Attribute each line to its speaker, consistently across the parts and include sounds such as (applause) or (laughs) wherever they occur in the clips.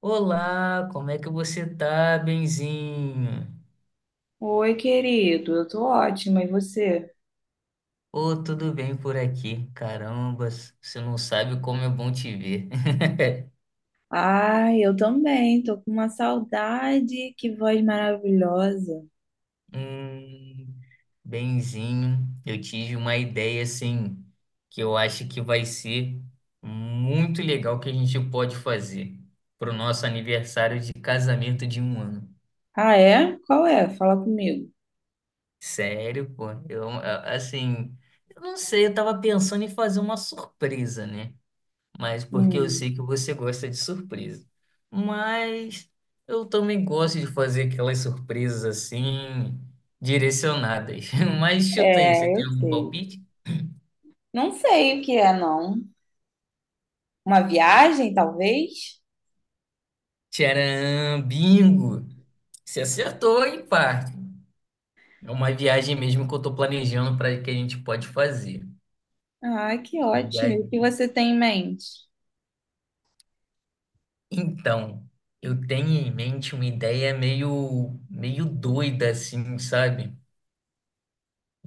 Speaker 1: Olá, como é que você tá, benzinho?
Speaker 2: Oi, querido, eu tô ótima, e você?
Speaker 1: Ô, tudo bem por aqui? Caramba, você não sabe como é bom te ver. (laughs)
Speaker 2: Ai, eu também, tô com uma saudade, que voz maravilhosa.
Speaker 1: Hum, benzinho, eu tive uma ideia assim que eu acho que vai ser muito legal que a gente pode fazer pro nosso aniversário de casamento de um ano.
Speaker 2: Ah, é? Qual é? Fala comigo.
Speaker 1: Sério, pô, assim, eu não sei, eu tava pensando em fazer uma surpresa, né? Mas porque eu
Speaker 2: Hum,
Speaker 1: sei que você gosta de surpresa. Mas eu também gosto de fazer aquelas surpresas assim, direcionadas. (laughs) Mas chuta aí, você
Speaker 2: é,
Speaker 1: tem
Speaker 2: eu
Speaker 1: algum
Speaker 2: sei.
Speaker 1: palpite?
Speaker 2: Não sei o que é, não. Uma viagem, talvez?
Speaker 1: Tcharam, bingo! Você acertou em parte. É uma viagem mesmo que eu tô planejando para que a gente pode fazer.
Speaker 2: Ah, que
Speaker 1: E
Speaker 2: ótimo. E
Speaker 1: aí,
Speaker 2: o que você tem em mente?
Speaker 1: então, eu tenho em mente uma ideia meio doida assim, sabe?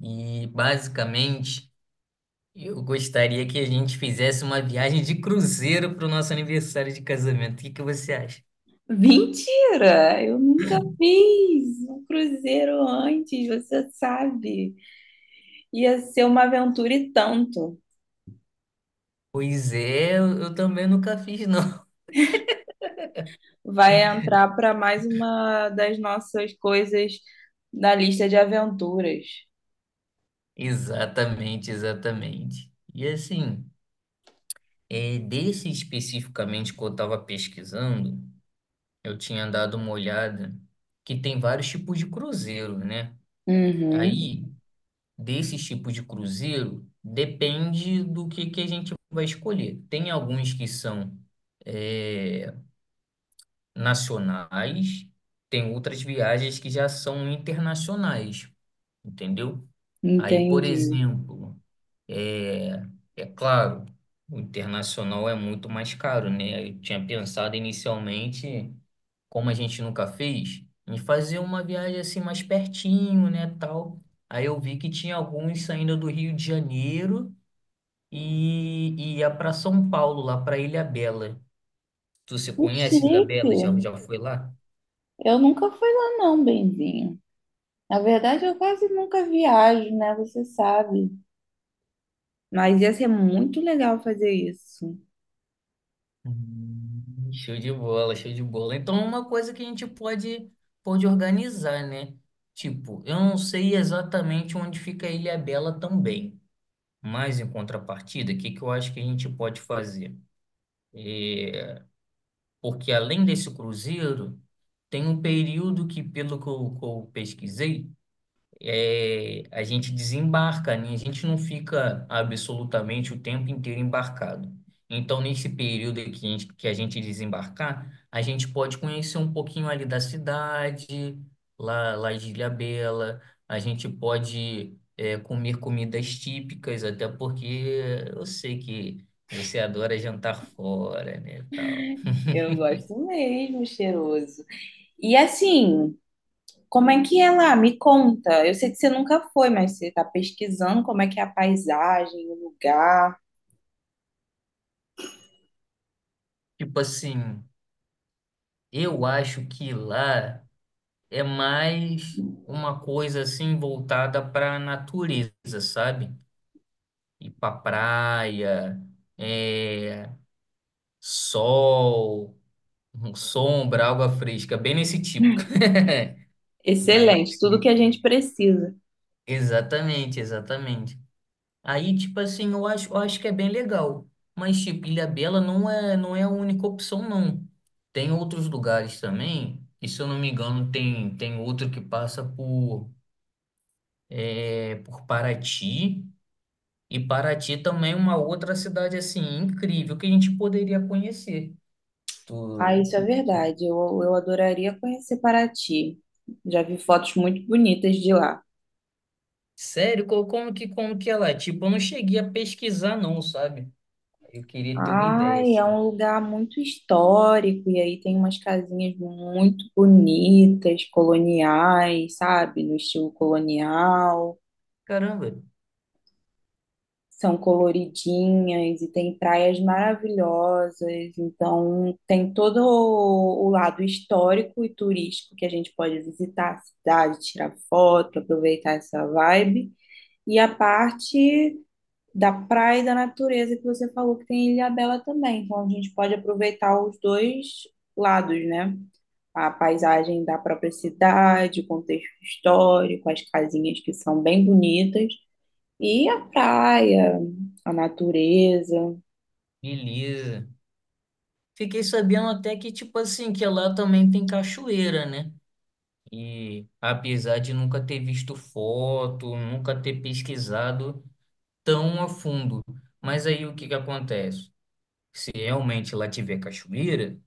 Speaker 1: E basicamente eu gostaria que a gente fizesse uma viagem de cruzeiro para o nosso aniversário de casamento. O que que você acha?
Speaker 2: Mentira! Eu nunca fiz um cruzeiro antes, você sabe. Ia ser uma aventura e tanto.
Speaker 1: Pois é, eu também nunca fiz, não.
Speaker 2: Vai entrar para mais uma das nossas coisas da lista de aventuras.
Speaker 1: (laughs) Exatamente, exatamente. E assim, desse especificamente que eu estava pesquisando, eu tinha dado uma olhada que tem vários tipos de cruzeiro, né?
Speaker 2: Uhum,
Speaker 1: Aí, desses tipos de cruzeiro, depende do que a gente vai escolher. Tem alguns que são. é, Nacionais, tem outras viagens que já são internacionais, entendeu? Aí, por
Speaker 2: entendi.
Speaker 1: exemplo, é, é claro, o internacional é muito mais caro, né? Eu tinha pensado inicialmente, como a gente nunca fez, em fazer uma viagem assim mais pertinho, né, tal. Aí eu vi que tinha alguns saindo do Rio de Janeiro e ia para São Paulo, lá para Ilhabela. Tu se
Speaker 2: Que
Speaker 1: conhece
Speaker 2: chique.
Speaker 1: Ilhabela? Já, já foi lá?
Speaker 2: Eu nunca fui lá não, benzinho. Na verdade, eu quase nunca viajo, né? Você sabe. Mas ia ser muito legal fazer isso.
Speaker 1: Show de bola, show de bola. Então, é uma coisa que a gente pode, pode organizar, né? Tipo, eu não sei exatamente onde fica a Ilha Bela também, mas em contrapartida, o que que eu acho que a gente pode fazer? Porque além desse cruzeiro, tem um período que, que eu pesquisei, a gente desembarca, né? A gente não fica absolutamente o tempo inteiro embarcado. Então, nesse período que a gente desembarcar, a gente pode conhecer um pouquinho ali da cidade, lá de Ilhabela, a gente pode comer comidas típicas, até porque eu sei que você adora jantar fora, né, tal.
Speaker 2: Eu gosto mesmo, cheiroso. E assim, como é que é lá? Me conta. Eu sei que você nunca foi, mas você está pesquisando como é que é a paisagem, o lugar.
Speaker 1: Tipo assim, eu acho que lá é mais uma coisa assim voltada para a natureza, sabe? Ir para praia, é, sol, sombra, água fresca, bem nesse tipo. (laughs) Mas
Speaker 2: Excelente, tudo que a gente
Speaker 1: é,
Speaker 2: precisa.
Speaker 1: exatamente, exatamente. Aí, tipo assim, eu acho que é bem legal. Mas, tipo, Ilhabela não é a única opção, não. Tem outros lugares também. E se eu não me engano, tem outro que passa por, por Paraty. E Paraty também é uma outra cidade assim incrível que a gente poderia conhecer.
Speaker 2: Ah,
Speaker 1: Tu-
Speaker 2: isso é verdade. Eu adoraria conhecer Paraty. Já vi fotos muito bonitas de lá.
Speaker 1: Sério, como que ela é? Tipo, eu não cheguei a pesquisar não, sabe? Eu queria ter uma ideia
Speaker 2: Ai, é
Speaker 1: assim.
Speaker 2: um lugar muito histórico e aí tem umas casinhas muito bonitas, coloniais, sabe? No estilo colonial.
Speaker 1: Caramba,
Speaker 2: São coloridinhas e tem praias maravilhosas, então tem todo o lado histórico e turístico que a gente pode visitar a cidade, tirar foto, aproveitar essa vibe, e a parte da praia e da natureza que você falou que tem em Ilhabela também, então a gente pode aproveitar os dois lados, né? A paisagem da própria cidade, o contexto histórico, as casinhas que são bem bonitas, e a praia, a natureza.
Speaker 1: beleza. Fiquei sabendo até que tipo assim que lá também tem cachoeira, né? E apesar de nunca ter visto foto, nunca ter pesquisado tão a fundo, mas aí o que que acontece? Se realmente lá tiver cachoeira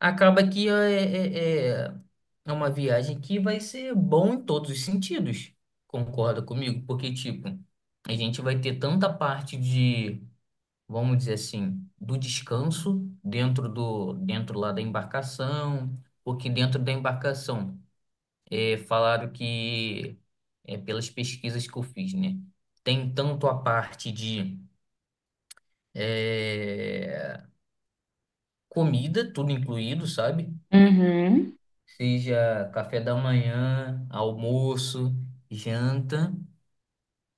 Speaker 1: acaba que é uma viagem que vai ser bom em todos os sentidos. Concorda comigo? Porque, tipo, a gente vai ter tanta parte de, vamos dizer assim, do descanso dentro lá da embarcação, porque dentro da embarcação falaram que, pelas pesquisas que eu fiz, né? Tem tanto a parte de é, comida, tudo incluído, sabe?
Speaker 2: Uhum.
Speaker 1: Seja café da manhã, almoço, janta.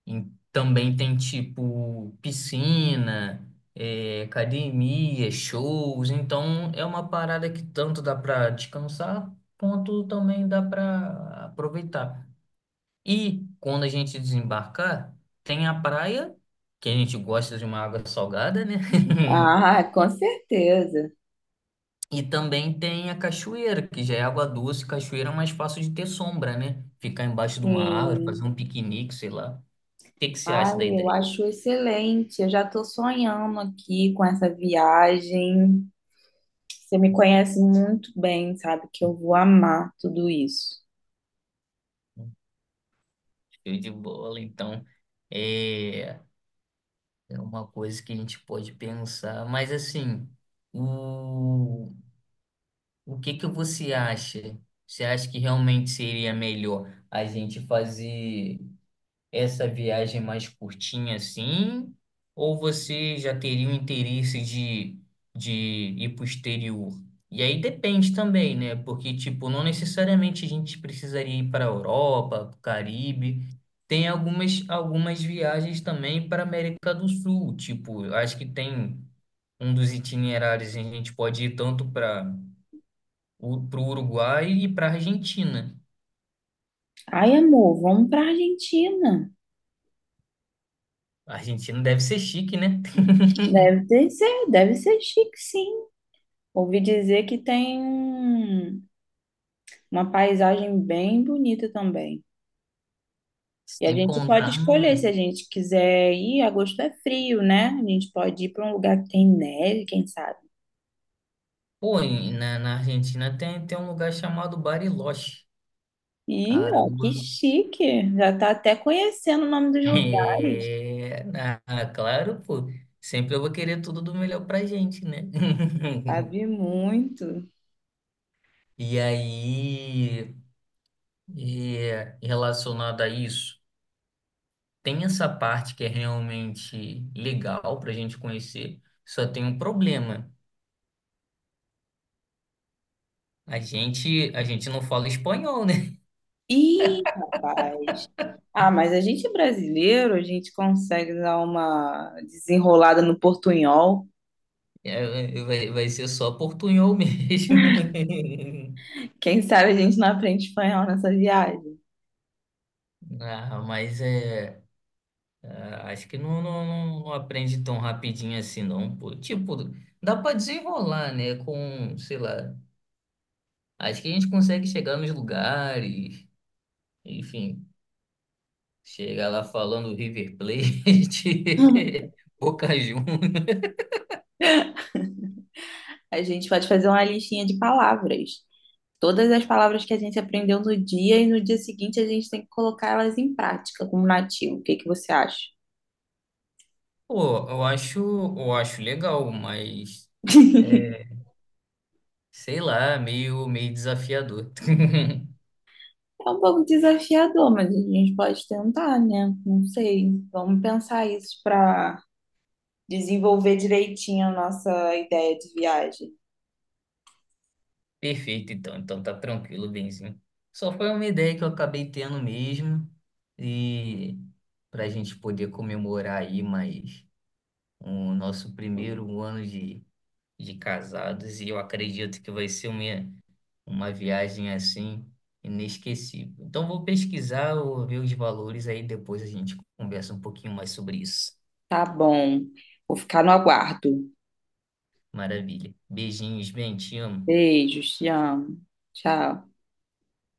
Speaker 1: E também tem tipo piscina, academia, shows. Então é uma parada que tanto dá para descansar, quanto também dá para aproveitar. E quando a gente desembarcar, tem a praia, que a gente gosta de uma água salgada, né? (laughs)
Speaker 2: Ah, (laughs) com certeza.
Speaker 1: E também tem a cachoeira, que já é água doce. Cachoeira é mais fácil de ter sombra, né? Ficar embaixo de uma árvore, fazer
Speaker 2: Sim.
Speaker 1: um piquenique, sei lá. O que que você
Speaker 2: Ai,
Speaker 1: acha da
Speaker 2: eu
Speaker 1: ideia?
Speaker 2: acho excelente. Eu já estou sonhando aqui com essa viagem. Você me conhece muito bem, sabe que eu vou amar tudo isso.
Speaker 1: Show de bola, então. É, é uma coisa que a gente pode pensar. Mas assim, o, o que que você acha? Você acha que realmente seria melhor a gente fazer essa viagem mais curtinha assim? Ou você já teria o interesse de ir para o exterior? E aí depende também, né? Porque, tipo, não necessariamente a gente precisaria ir para a Europa, para o Caribe. Tem algumas viagens também para a América do Sul. Tipo, eu acho que tem um dos itinerários que a gente pode ir tanto para o pro Uruguai e para a Argentina.
Speaker 2: Ai, amor, vamos para Argentina.
Speaker 1: A Argentina deve ser chique, né? (laughs)
Speaker 2: Deve ter ser, deve ser chique, sim. Ouvi dizer que tem um- uma paisagem bem bonita também. E a
Speaker 1: Sem
Speaker 2: gente pode
Speaker 1: contar no…
Speaker 2: escolher se a gente quiser ir. Agosto é frio, né? A gente pode ir para um lugar que tem neve, quem sabe.
Speaker 1: Pô, na Argentina tem um lugar chamado Bariloche.
Speaker 2: Ih, ó,
Speaker 1: Caramba.
Speaker 2: que
Speaker 1: (laughs)
Speaker 2: chique! Já tá até conhecendo o nome dos lugares.
Speaker 1: É, ah, claro, pô. Sempre eu vou querer tudo do melhor pra gente, né?
Speaker 2: Sabe
Speaker 1: (laughs)
Speaker 2: muito.
Speaker 1: E aí, relacionado a isso, tem essa parte que é realmente legal pra gente conhecer, só tem um problema. A gente não fala espanhol, né? (laughs)
Speaker 2: Ih, rapaz. Ah, mas a gente é brasileiro, a gente consegue dar uma desenrolada no portunhol.
Speaker 1: É, vai ser só portunhol mesmo.
Speaker 2: Quem sabe a gente não aprende espanhol nessa viagem.
Speaker 1: (laughs) Ah, mas é. Ah, acho que não, não aprende tão rapidinho assim, não, pô. Tipo, dá pra desenrolar, né? Com, sei lá. Acho que a gente consegue chegar nos lugares, enfim, chegar lá falando River Plate,
Speaker 2: (laughs)
Speaker 1: (laughs) Boca Juniors.
Speaker 2: A gente pode fazer uma listinha de palavras. Todas as palavras que a gente aprendeu no dia e no dia seguinte a gente tem que colocar elas em prática como nativo. O que que você acha?
Speaker 1: Pô, eu acho legal, mas é, sei lá, meio desafiador. (laughs)
Speaker 2: É um pouco desafiador, mas a gente pode tentar, né? Não sei. Vamos pensar isso para desenvolver direitinho a nossa ideia de viagem.
Speaker 1: Perfeito, então. Então tá tranquilo, Benzinho. Só foi uma ideia que eu acabei tendo mesmo e para a gente poder comemorar aí mais o nosso primeiro ano de casados e eu acredito que vai ser uma viagem assim inesquecível. Então vou pesquisar, vou ver os valores aí depois a gente conversa um pouquinho mais sobre isso.
Speaker 2: Tá bom. Vou ficar no aguardo.
Speaker 1: Maravilha. Beijinhos, bem, te amo.
Speaker 2: Beijos, te amo. Tchau.